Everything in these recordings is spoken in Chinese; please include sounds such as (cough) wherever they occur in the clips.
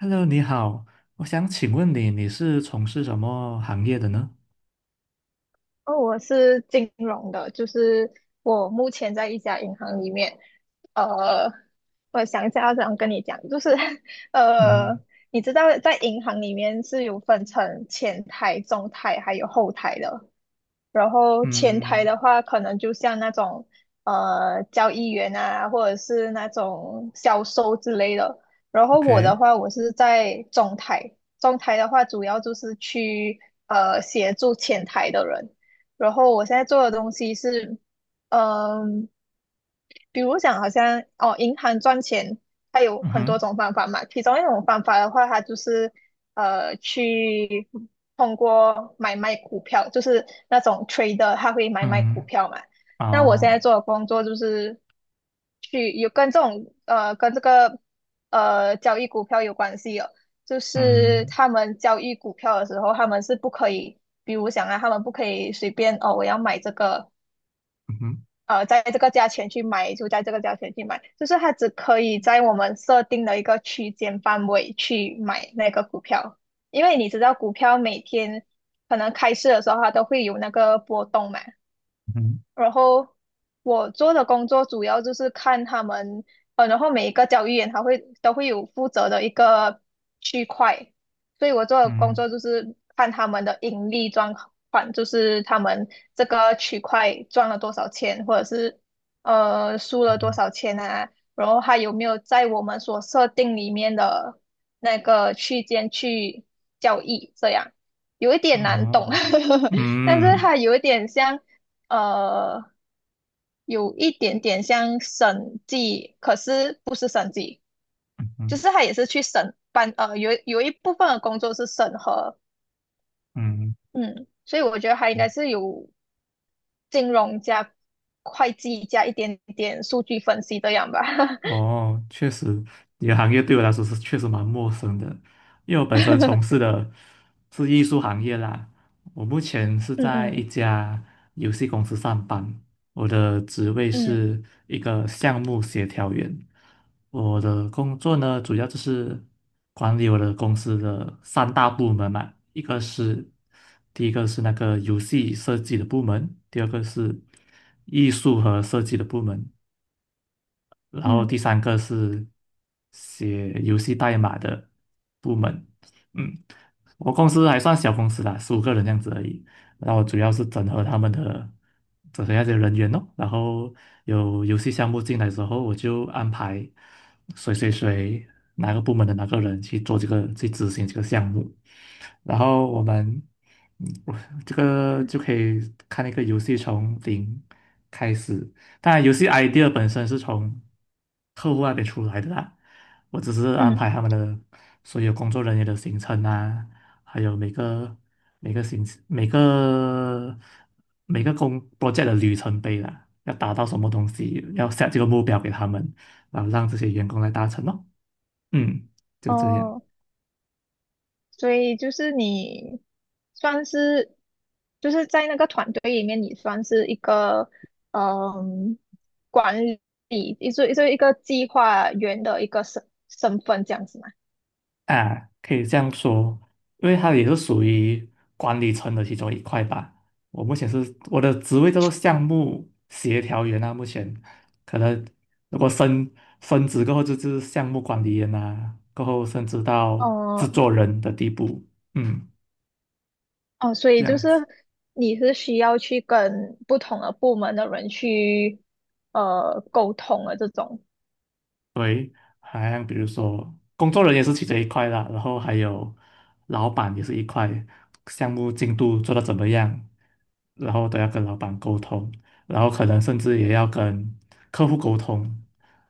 Hello，你好，我想请问你，你是从事什么行业的呢？哦，我是金融的，就是我目前在一家银行里面。呃，我想一下要怎样跟你讲，就是 (laughs) 呃，嗯你知道在银行里面是有分成前台、中台还有后台的。然后前台嗯的话，可能就像那种交易员啊，或者是那种销售之类的。然后我的，OK，话，我是在中台。中台的话主要就是去协助前台的人。然后我现在做的东西是，嗯、比如讲，好像哦，银行赚钱，它有嗯很多哼，种方法嘛。其中一种方法的话，它就是去通过买卖股票，就是那种 trader，他会买卖股嗯，票嘛。那我现在哦，做的工作就是去有跟这种跟这个交易股票有关系哦。就是嗯他们交易股票的时候，他们是不可以，比如讲啊，他们不可以随便哦，我要买这个。嗯哼在这个价钱去买，就在这个价钱去买，就是它只可以在我们设定的一个区间范围去买那个股票，因为你知道股票每天可能开市的时候它都会有那个波动嘛。嗯然后我做的工作主要就是看他们，然后每一个交易员他都会有负责的一个区块，所以我做的工嗯作就是看他们的盈利状况，就是他们这个区块赚了多少钱，或者是输了多嗯少钱啊，然后还有没有在我们所设定里面的那个区间去交易，这样有一点难懂。哦，(laughs) 但是嗯它有一点像。呃，有一点点像审计，可是不是审计，嗯就嗯是他也是去审办，有一部分的工作是审核。嗯嗯，所以我觉得他应该是有金融加会计加一点点数据分析这样吧。哦，确实。你的行业对我来说是确实蛮陌生的，因为我本身 (laughs) 从事的是艺术行业啦。我目前是嗯在一嗯家游戏公司上班，我的职位嗯是一个项目协调员。我的工作呢，主要就是管理我的公司的三大部门嘛。一个是第一个是那个游戏设计的部门，第二个是艺术和设计的部门，然后第嗯三个是写游戏代码的部门。嗯，我公司还算小公司啦，十五个人这样子而已。然后主要是整合他们的整合那些人员哦。然后有游戏项目进来之后，我就安排谁谁谁哪个部门的哪个人去做这个去执行这个项目。然后我们嗯我这个就可以看一个游戏从零开始。当然，游戏 idea 本身是从客户那边出来的啦，我只是安排嗯。他们的所有工作人员的行程啊，还有每个每个行每个每个工 project 的里程碑啦，要达到什么东西，要 set 这个目标给他们，然后让这些员工来达成咯。嗯，就这样。哦，所以就是你算是就是在那个团队里面，你算是一个嗯管理，一就就一个计划员的一个身份这样子嘛。啊，可以这样说，因为它也是属于管理层的其中一块吧。我目前是我的职位叫做项目协调员啊。目前可能如果升职过后就是项目管理员啊，过后升职到制哦作人的地步。嗯，哦，所这以就样是子。你是需要去跟不同的部门的人去沟通的这种。好像比如说工作人员是其中一块啦，然后还有老板也是一块，项目进度做得怎么样，然后都要跟老板沟通，然后可能甚至也要跟客户沟通，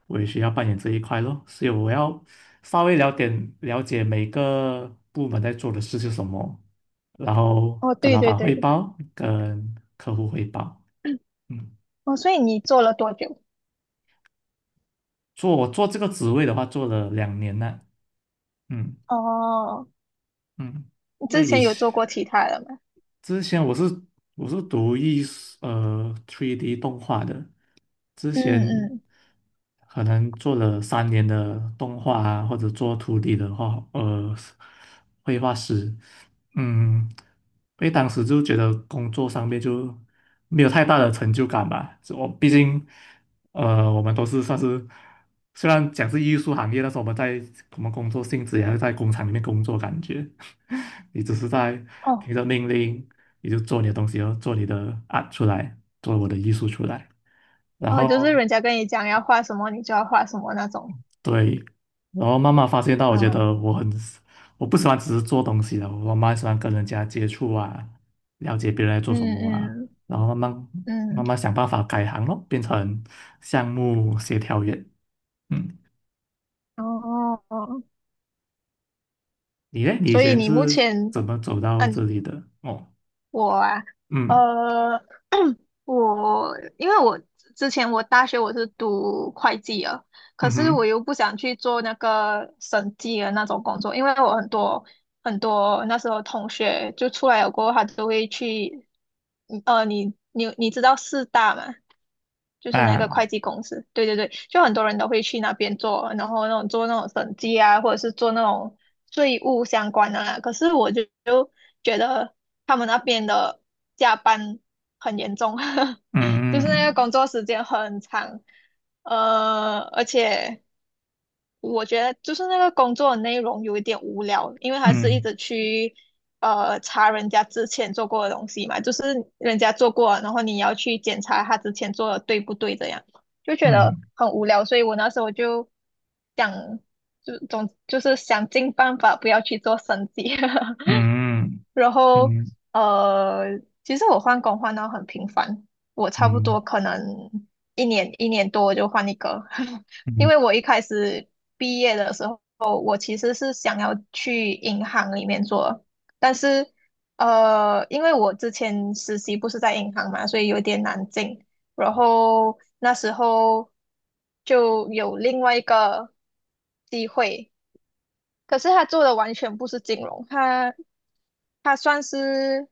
我也需要扮演这一块咯，所以我要稍微了解了解每个部门在做的事是什么，然后哦，跟对老对板汇对。报，跟客户汇报。嗯，哦，所以你做了多久？我做这个职位的话，做了两年了。嗯哦，嗯。你那之以前有前做过其他的吗？之前我是读艺术3D 动画的。之嗯前嗯。可能做了三年的动画啊，或者做徒 d 的画绘画师。嗯，因为当时就觉得工作上面就没有太大的成就感吧，我毕竟。我们都是算是，虽然讲是艺术行业，但是我们工作性质也是在工厂里面工作，感觉 (laughs) 你只是在听哦。着命令，你就做你的东西，然后做你的 art 出来，做我的艺术出来。然哦，就是后人家跟你讲要画什么，你就要画什么那种。对，然后慢慢发现到，我觉嗯得我很，我不喜欢只是做东西了，我蛮喜欢跟人家接触啊，了解别人在做什嗯么啊，嗯然后慢慢嗯。想办法改行咯，变成项目协调员。嗯。哦，哦。你呢？你以所以前你目是前，怎么走到嗯，这里的？哦，我啊，嗯呃，因为我之前我大学我是读会计啊，可嗯是我哼又不想去做那个审计的那种工作，因为我很多很多那时候同学就出来了过后，他都会去，你知道四大吗？就是那个啊，会计公司，对对对，就很多人都会去那边做，然后那种做那种审计啊，或者是做那种税务相关的啦。可是我就觉得他们那边的加班很严重，(laughs) 就是那嗯个工作时间很长。而且我觉得就是那个工作的内容有一点无聊，因为他是一嗯直去查人家之前做过的东西嘛，就是人家做过，然后你要去检查他之前做的对不对，这样就觉得嗯很无聊，所以我那时候就想，就是想尽办法不要去做审计。(laughs) 嗯然后嗯嗯呃，其实我换工换到很频繁，我差不嗯多可能一年一年多就换一个。(laughs) 因嗯为我一开始毕业的时候，我其实是想要去银行里面做，但是因为我之前实习不是在银行嘛，所以有点难进，然后那时候就有另外一个机会。可是他做的完全不是金融，它算是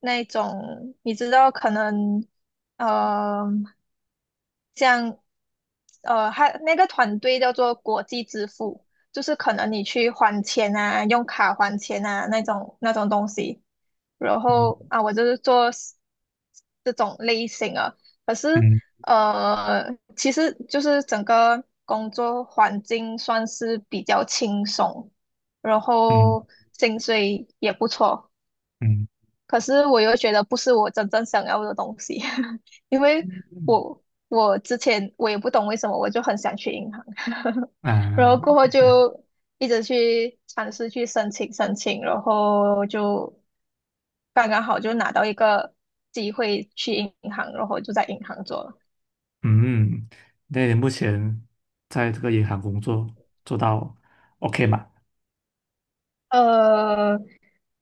那种你知道，可能呃，像它那个团队叫做国际支付，就是可能你去还钱啊，用卡还钱啊那种那种东西。然嗯后啊，我就是做 s- 这种类型啊。可是嗯其实就是整个工作环境算是比较轻松，然嗯后薪水也不错。嗯可是我又觉得不是我真正想要的东西。(laughs) 因为嗯我我之前我也不懂为什么我就很想去银行，(laughs) 然后啊过后，OK，就一直去尝试去申请，然后就刚刚好就拿到一个机会去银行，然后就在银行做了。嗯。那你目前在这个银行工作做到 OK 吗？呃，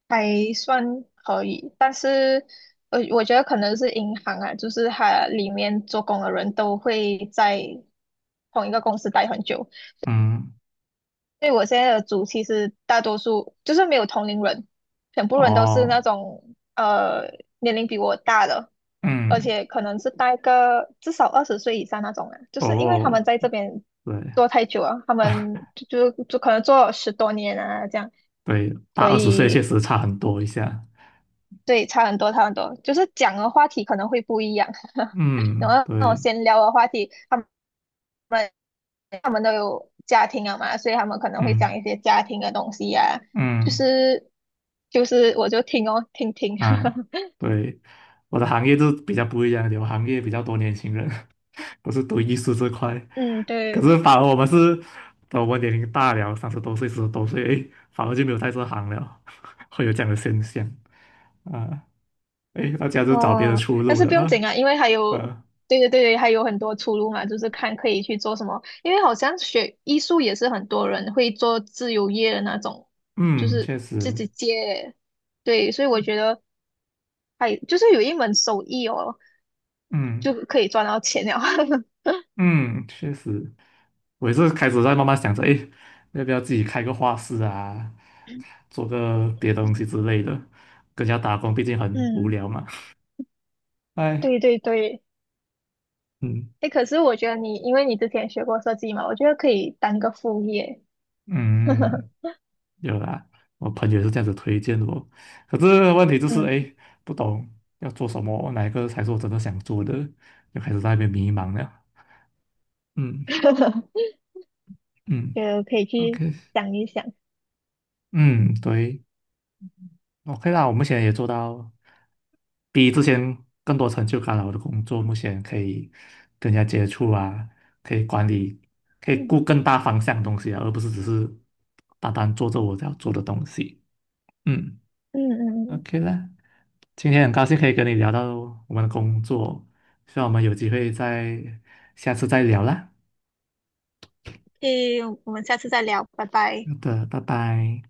还算可以，但是我觉得可能是银行啊，就是它里面做工的人都会在同一个公司待很久，嗯，所以我现在的组其实大多数就是没有同龄人，全部人都是那哦，种年龄比我大的，而嗯，且可能是待个至少20岁以上那种啊，就是因为他哦，们在这边对 做太久了，他 (laughs) 们就就就可能做了10多年啊这样，对，大所二十岁确以。实差很多一下。对，差很多，差很多，就是讲的话题可能会不一样。(laughs) 然嗯后那种对，闲聊的话题，他们都有家庭了嘛，所以他们可能会嗯讲一些家庭的东西呀、啊就嗯。是就是我就听哦，听听。啊，对，我的行业就比较不一样一点，我行业比较多年轻人，(laughs) 我是读艺术这块。(laughs) 嗯，可对。是反而我们是，等我们年龄大了，三十多岁、四十多岁，诶，反而就没有在这行了，(laughs) 会有这样的现象。啊，诶，大家就找别的哦，出但路是了不用紧啊。啊，因为还有，啊，对对对，还有很多出路嘛，就是看可以去做什么，因为好像学艺术也是很多人会做自由业的那种，就嗯，是确自实，己接。对，所以我觉得。还就是有一门手艺哦，就嗯可以赚到钱了。(laughs) 嗯，嗯确实。我也是开始在慢慢想着，哎，要不要自己开个画室啊，做个别的东西之类的。跟人家打工毕竟很无嗯，聊嘛。哎，对对对。嗯哎，可是我觉得你，因为你之前学过设计嘛，我觉得可以当个副业。嗯，有啦，我朋友也是这样子推荐我。可是问题就是，嗯。哎，不懂要做什么，哪一个才是我真的想做的，就开始在那边迷茫了。嗯 (laughs) 嗯觉可以去，OK，想一想。嗯，对。OK 啦，我目前也做到比之前更多成就感了。我的工作目前可以跟人家接触啊，可以管理，可以顾嗯更大方向的东西啊，而不是只是单单做着我要做的东西。嗯嗯嗯。，OK 啦，今天很高兴可以跟你聊到我们的工作，希望我们有机会再下次再聊啦。嗯，诶，我们下次再聊，拜拜。好的，拜拜。